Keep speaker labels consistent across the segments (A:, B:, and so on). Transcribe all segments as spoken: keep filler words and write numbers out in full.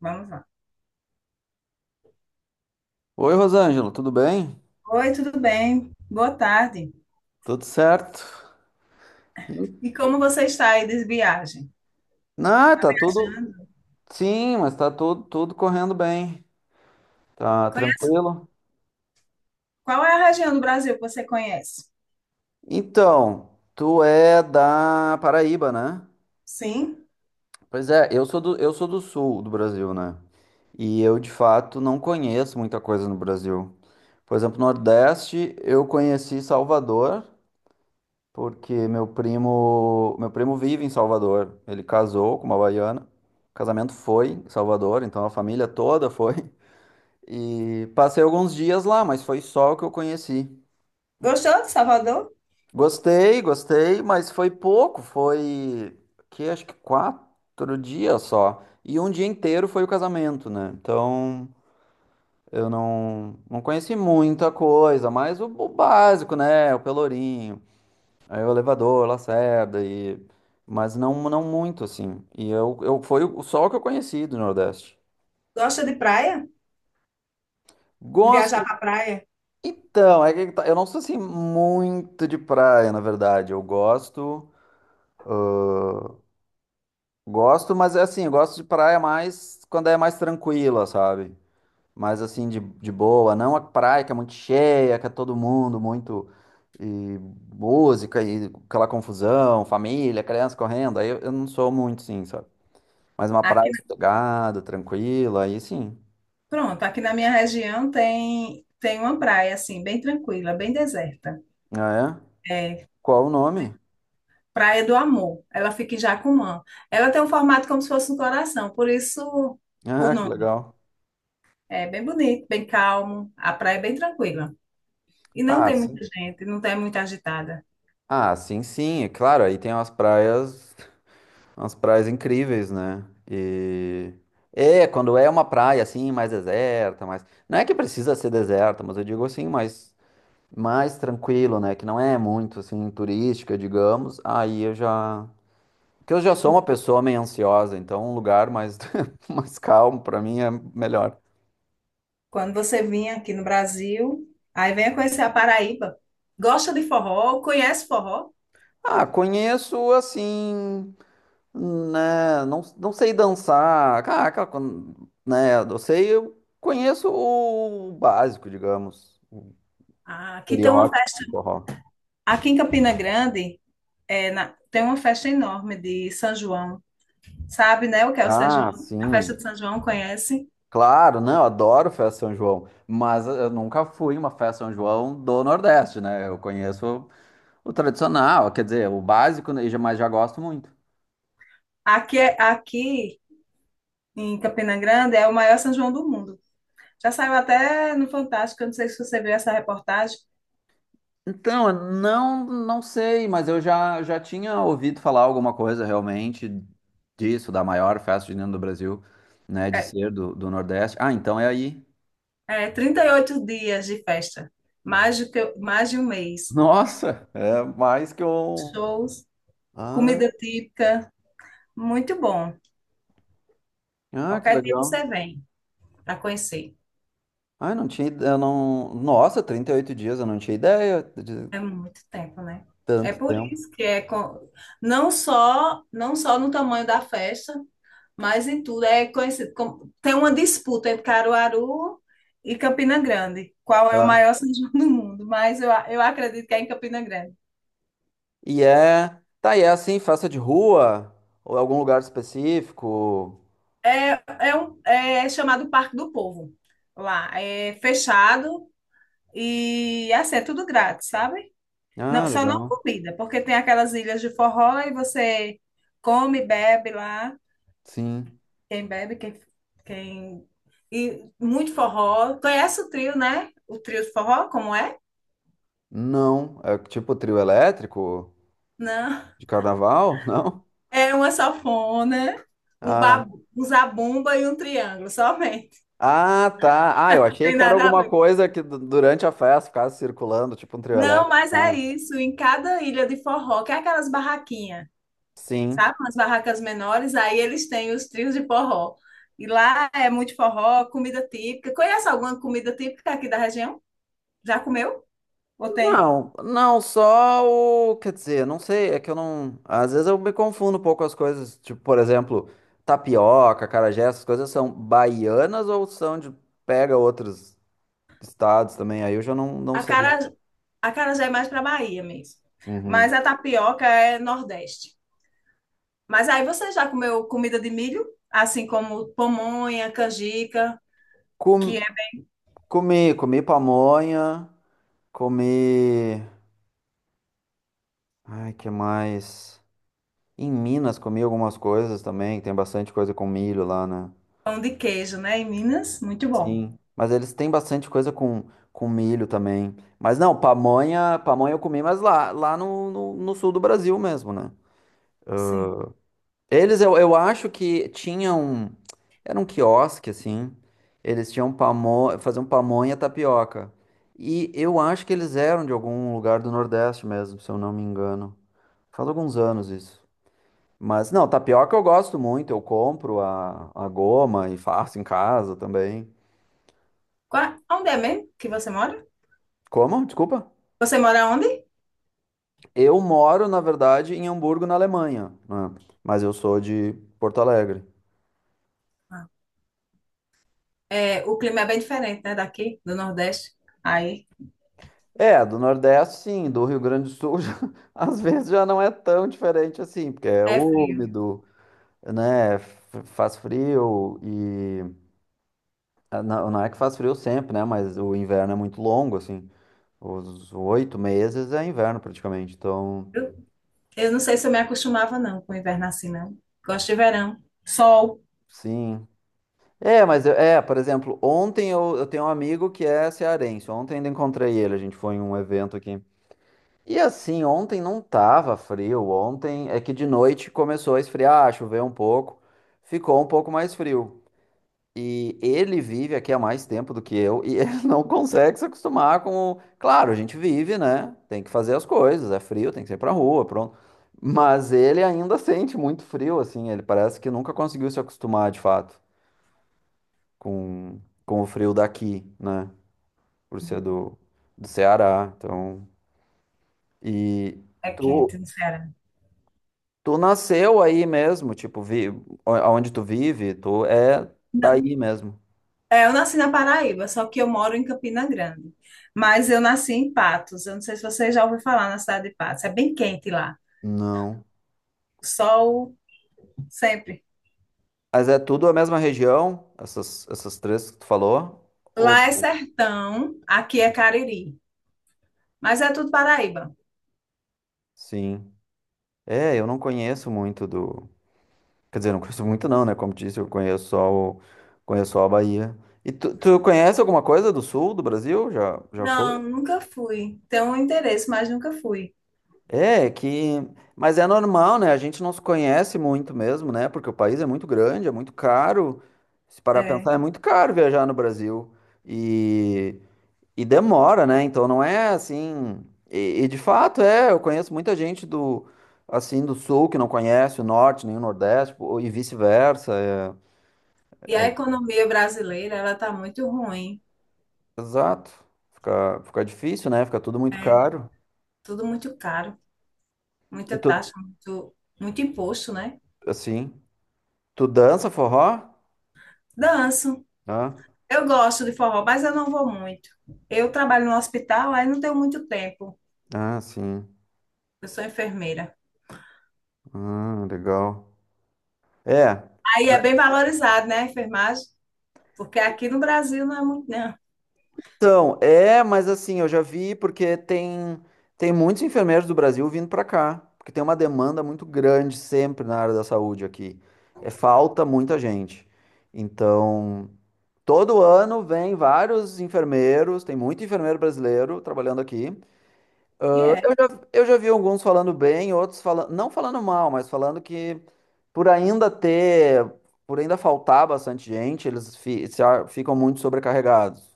A: Vamos lá.
B: Oi, Rosângelo, tudo bem?
A: Oi, tudo bem? Boa tarde.
B: Tudo certo?
A: E como você está aí de viagem?
B: Ah, tá tudo.
A: Viajando?
B: Sim, mas tá tudo, tudo correndo bem. Tá
A: Conhe-
B: tranquilo?
A: Qual é a região do Brasil que você conhece?
B: Então, tu é da Paraíba, né?
A: Sim.
B: Pois é, eu sou do, eu sou do sul do Brasil, né? E eu, de fato, não conheço muita coisa no Brasil. Por exemplo, Nordeste, eu conheci Salvador, porque meu primo, meu primo vive em Salvador. Ele casou com uma baiana. O casamento foi em Salvador, então a família toda foi. E passei alguns dias lá, mas foi só o que eu conheci.
A: Gostou de Salvador?
B: Gostei, gostei, mas foi pouco. Foi que acho que quatro dias só. E um dia inteiro foi o casamento, né? Então eu não, não conheci muita coisa, mas o, o básico, né? O Pelourinho. Aí o elevador, Lacerda e mas não não muito assim. E eu, eu foi o só o que eu conheci do Nordeste.
A: Gosta de praia? De viajar
B: Gosto.
A: para praia?
B: Então, é que tá- eu não sou assim muito de praia, na verdade. Eu gosto, gosto, mas é assim, eu gosto de praia mais quando é mais tranquila, sabe? Mais assim de, de boa, não a praia que é muito cheia, que é todo mundo muito e música e aquela confusão, família, criança correndo. Aí eu, eu não sou muito, sim, sabe? Mas uma
A: Aqui,
B: praia
A: na-
B: sossegada, tranquila, aí sim.
A: pronto, aqui na minha região tem tem uma praia assim, bem tranquila, bem deserta.
B: Ah, é?
A: É
B: Qual o nome?
A: Praia do Amor. Ela fica em Jacumã. Ela tem um formato como se fosse um coração, por isso o
B: Ah, que
A: nome.
B: legal.
A: É bem bonito, bem calmo. A praia é bem tranquila. E não
B: Ah,
A: tem muita
B: sim.
A: gente, não tem muita agitada.
B: Ah, sim, sim. É claro, aí tem umas praias, umas praias, incríveis, né? E é, quando é uma praia assim, mais deserta, mais não é que precisa ser deserta, mas eu digo assim, mais mais tranquilo, né, que não é muito assim turística, digamos. Aí eu já que eu já sou uma pessoa meio ansiosa, então um lugar mais, mais calmo pra mim é melhor.
A: Quando você vinha aqui no Brasil, aí venha conhecer a Paraíba. Gosta de forró? Conhece forró?
B: Ah, conheço assim, né? Não, não sei dançar. Ah, aquela con- né? Eu sei, eu conheço o básico, digamos, o
A: Ah, aqui tem uma
B: estereótipo
A: festa.
B: do forró.
A: Aqui em Campina Grande é na- tem uma festa enorme de São João. Sabe, né, o que é o São João?
B: Ah,
A: A festa
B: sim.
A: de São João, conhece?
B: Claro, né? Eu adoro festa São João, mas eu nunca fui em uma festa São João do Nordeste, né? Eu conheço o tradicional, quer dizer, o básico, né, mas já gosto muito.
A: Aqui, é- aqui em Campina Grande é o maior São João do mundo. Já saiu até no Fantástico, eu não sei se você viu essa reportagem.
B: Então, eu não, não sei, mas eu já, já tinha ouvido falar alguma coisa realmente disso, da maior festa junina do Brasil, né, de
A: É,
B: ser do, do Nordeste. Ah, então é aí.
A: é trinta e oito dias de festa, mais do que, mais de um mês.
B: Nossa, é mais que um.
A: Shows,
B: Ah,
A: comida típica, muito bom.
B: ah, que
A: Qualquer dia
B: legal.
A: você vem para conhecer.
B: Ah, eu não tinha, ide- eu não. Nossa, trinta e oito dias, eu não tinha ideia de
A: É muito tempo, né? É
B: tanto
A: por
B: tempo.
A: isso que é co- não só não só no tamanho da festa, mas em tudo é conhecido como tem uma disputa entre Caruaru e Campina Grande. Qual é o
B: Tá.
A: maior São João do mundo? Mas eu, a- eu acredito que é em Campina Grande.
B: E é, tá, e é assim, festa de rua ou algum lugar específico?
A: É, é, um, é chamado Parque do Povo lá. É fechado e assim, é tudo grátis, sabe?
B: Ah,
A: Não, só não
B: legal.
A: comida, porque tem aquelas ilhas de forró e você come, bebe lá.
B: Sim.
A: Quem bebe, quem, quem... E muito forró. Conhece o trio, né? O trio de forró, como é?
B: Não, é tipo trio elétrico
A: Não.
B: de carnaval, não?
A: É uma sanfona, um
B: Ah,
A: babu, um zabumba e um triângulo, somente.
B: ah, tá. Ah, eu
A: Não
B: achei
A: tem
B: que era
A: nada a
B: alguma
A: ver.
B: coisa que du- durante a festa ficasse circulando, tipo um trio
A: Não,
B: elétrico.
A: mas é
B: Ah,
A: isso. Em cada ilha de forró, que é aquelas barraquinhas,
B: sim.
A: sabe? Umas barracas menores, aí eles têm os trios de forró. E lá é muito forró, comida típica. Conhece alguma comida típica aqui da região? Já comeu? Ou tem?
B: Não, não, só o. Quer dizer, não sei, é que eu não. Às vezes eu me confundo um pouco as coisas. Tipo, por exemplo, tapioca, acarajé, essas coisas são baianas ou são de. Pega outros estados também, aí eu já não, não
A: a a
B: sei.
A: cara, a cara já é mais para Bahia mesmo.
B: Uhum.
A: Mas a tapioca é Nordeste. Mas aí você já comeu comida de milho? Assim como pamonha, canjica, que
B: Com-
A: é
B: Comi, comi pamonha. Comi. Ai, que mais? Em Minas comi algumas coisas também, tem bastante coisa com milho lá, né?
A: pão de queijo, né? Em Minas, muito bom.
B: Sim. Mas eles têm bastante coisa com, com milho também. Mas não, pamonha, pamonha eu comi, mas lá, lá no, no, no sul do Brasil mesmo, né?
A: Sim.
B: Eles, eu, eu acho que tinham. Era um quiosque, assim. Eles tinham pamonha, faziam pamonha tapioca. E eu acho que eles eram de algum lugar do Nordeste mesmo, se eu não me engano. Faz alguns anos isso. Mas não, tapioca eu gosto muito, eu compro a, a goma e faço em casa também.
A: Qua- Onde é mesmo que você mora?
B: Como? Desculpa.
A: Você mora onde?
B: Eu moro, na verdade, em Hamburgo, na Alemanha, né? Mas eu sou de Porto Alegre.
A: É, o clima é bem diferente, né, daqui, do Nordeste. Aí
B: É, do Nordeste, sim, do Rio Grande do Sul, já- às vezes já não é tão diferente assim, porque é
A: é frio.
B: úmido, né? f- Faz frio e. ah, Não, não é que faz frio sempre, né? Mas o inverno é muito longo, assim. Os oito meses é inverno praticamente, então.
A: Eu, eu não sei se eu me acostumava, não, com o inverno assim, não. Gosto de verão. Sol
B: Sim, é, mas eu- é, por exemplo, ontem eu, eu tenho um amigo que é cearense. Ontem ainda encontrei ele, a gente foi em um evento aqui. E assim, ontem não tava frio. Ontem é que de noite começou a esfriar, ah, choveu um pouco, ficou um pouco mais frio. E ele vive aqui há mais tempo do que eu e ele não consegue se acostumar com. o- Claro, a gente vive, né? Tem que fazer as coisas, é frio, tem que sair pra rua, pronto. Mas ele ainda sente muito frio, assim. Ele parece que nunca conseguiu se acostumar de fato com, com o frio daqui, né? Por ser do, do Ceará. Então, e
A: é
B: tu,
A: quente no Ceará.
B: tu nasceu aí mesmo, tipo, vi, o- aonde tu vive, tu é
A: Na-
B: daí mesmo.
A: é, eu nasci na Paraíba, só que eu moro em Campina Grande. Mas eu nasci em Patos. Eu não sei se você já ouviu falar na cidade de Patos. É bem quente lá.
B: Não.
A: Sol sempre.
B: Mas é tudo a mesma região, essas, essas três que tu falou? Ou...
A: Lá é sertão, aqui é Cariri. Mas é tudo Paraíba.
B: Sim. É, eu não conheço muito do. Quer dizer, não conheço muito não, né? Como disse, eu conheço só o... conheço só a Bahia. E tu, tu conhece alguma coisa do sul do Brasil? Já, já foi?
A: Não, nunca fui. Tenho um interesse, mas nunca fui.
B: É, que. Mas é normal, né? A gente não se conhece muito mesmo, né? Porque o país é muito grande, é muito caro. Se parar pra
A: É.
B: pensar, é muito caro viajar no Brasil. E, e demora, né? Então não é assim. E, e de fato é, eu conheço muita gente do assim do sul que não conhece o norte nem o nordeste pô, e vice-versa. É.
A: E a economia brasileira, ela está muito ruim.
B: Exato. Fica, fica difícil, né? Fica tudo muito
A: É
B: caro.
A: tudo muito caro,
B: E
A: muita
B: tu,
A: taxa, muito, muito imposto, né?
B: assim, tu dança forró?
A: Danço.
B: Ah,
A: Eu gosto de forró, mas eu não vou muito. Eu trabalho no hospital, aí não tenho muito tempo.
B: ah, sim.
A: Eu sou enfermeira.
B: Ah, legal. É.
A: Aí é bem valorizado, né, a enfermagem? Porque aqui no Brasil não é muito, não.
B: Então, é, mas assim, eu já vi porque tem tem muitos enfermeiros do Brasil vindo para cá, porque tem uma demanda muito grande sempre na área da saúde aqui. É falta muita gente. Então, todo ano vem vários enfermeiros, tem muito enfermeiro brasileiro trabalhando aqui.
A: E
B: Eu
A: é.
B: já, eu já vi alguns falando bem, outros falando, não falando mal, mas falando que por ainda ter, por ainda faltar bastante gente, eles fi- se a- ficam muito sobrecarregados.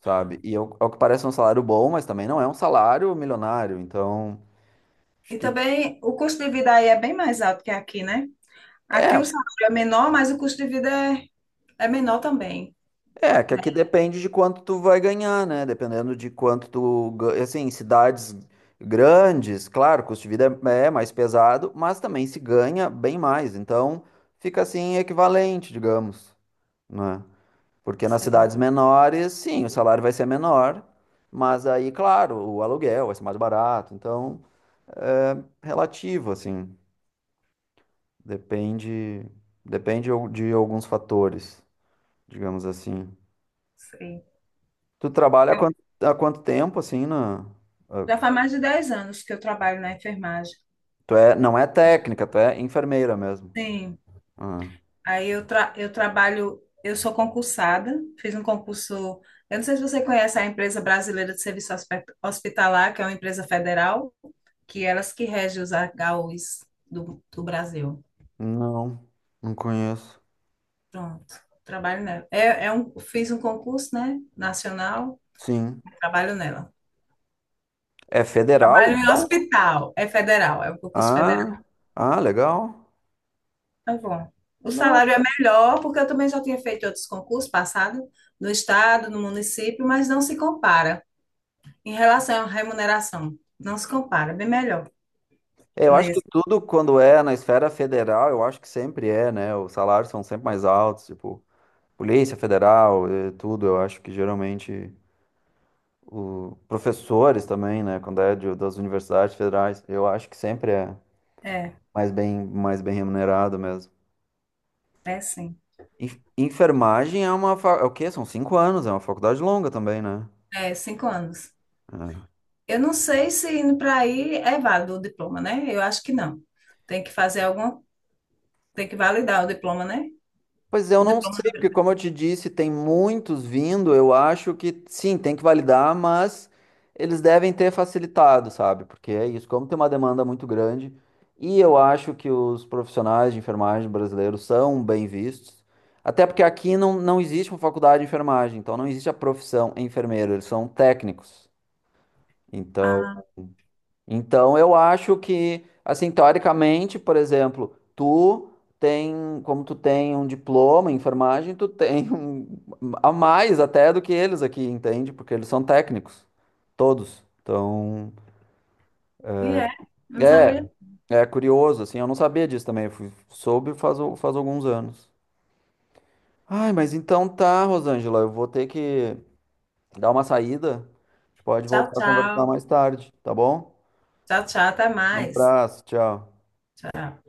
B: Sabe? E ao, ao que parece é um salário bom, mas também não é um salário milionário. Então, acho
A: E
B: que
A: também o custo de vida aí é bem mais alto que aqui, né? Aqui
B: é,
A: o salário é menor, mas o custo de vida é, é menor também.
B: é que
A: Né?
B: aqui depende de quanto tu vai ganhar, né? Dependendo de quanto tu, ga- assim, cidades grandes, claro, o custo de vida é, é mais pesado, mas também se ganha bem mais. Então, fica assim equivalente, digamos, né? Porque nas
A: Sei,
B: cidades menores, sim, o salário vai ser menor, mas aí, claro, o aluguel vai ser mais barato. Então, relativo, assim. Depende, depende al- de alguns fatores, digamos assim.
A: sei.
B: Tu trabalha há quanto, há quanto tempo, assim, na... ah,
A: Já faz mais de dez anos que eu trabalho na enfermagem.
B: Tu é, não é
A: Acho que-
B: técnica, tu é enfermeira mesmo.
A: Sim,
B: Ah,
A: aí eu, tra eu trabalho, eu sou concursada, fiz um concurso, eu não sei se você conhece a empresa brasileira de serviço Hospe- hospitalar, que é uma empresa federal, que é elas que regem os H Us do, do Brasil.
B: não, não conheço.
A: Pronto, trabalho nela. É, é um, fiz um concurso, né, nacional,
B: Sim.
A: trabalho nela.
B: É federal,
A: Trabalho em
B: então?
A: hospital, é federal, é um concurso federal.
B: Ah, ah, legal.
A: Tá bom. O
B: Não.
A: salário é melhor, porque eu também já tinha feito outros concursos passados, no estado, no município, mas não se compara em relação à remuneração. Não se compara, bem melhor
B: Eu acho que
A: nesse.
B: tudo quando é na esfera federal, eu acho que sempre é, né? Os salários são sempre mais altos, tipo, Polícia Federal, eh, tudo, eu acho que geralmente o- professores também, né? Quando é de- das universidades federais, eu acho que sempre é
A: É,
B: mais bem, mais bem remunerado mesmo.
A: é sim.
B: Enf- Enfermagem é uma. fa- É o quê? São cinco anos, é uma faculdade longa também, né?
A: É, cinco anos.
B: É.
A: Eu não sei se indo para aí é válido o diploma, né? Eu acho que não. Tem que fazer alguma, tem que validar o diploma, né?
B: Pois eu
A: O
B: não
A: diploma.
B: sei, porque como eu te disse, tem muitos vindo, eu acho que sim, tem que validar, mas eles devem ter facilitado, sabe? Porque é isso, como tem uma demanda muito grande, e eu acho que os profissionais de enfermagem brasileiros são bem vistos, até porque aqui não, não existe uma faculdade de enfermagem, então não existe a profissão enfermeiro, eles são técnicos. Então,
A: Ah,
B: então, eu acho que, assim, teoricamente, por exemplo, tu tem, como tu tem um diploma em enfermagem, tu tem um, a mais até do que eles aqui, entende? Porque eles são técnicos, todos. Então,
A: e é, não
B: é,
A: sabia.
B: é curioso, assim, eu não sabia disso também, eu fui- soube faz, al- faz alguns anos. Ai, mas então tá, Rosângela, eu vou ter que dar uma saída. A gente pode
A: Tchau,
B: voltar a conversar
A: tchau.
B: mais tarde, tá bom?
A: Tchau, tchau, até
B: Um
A: mais.
B: abraço, tchau.
A: Tchau.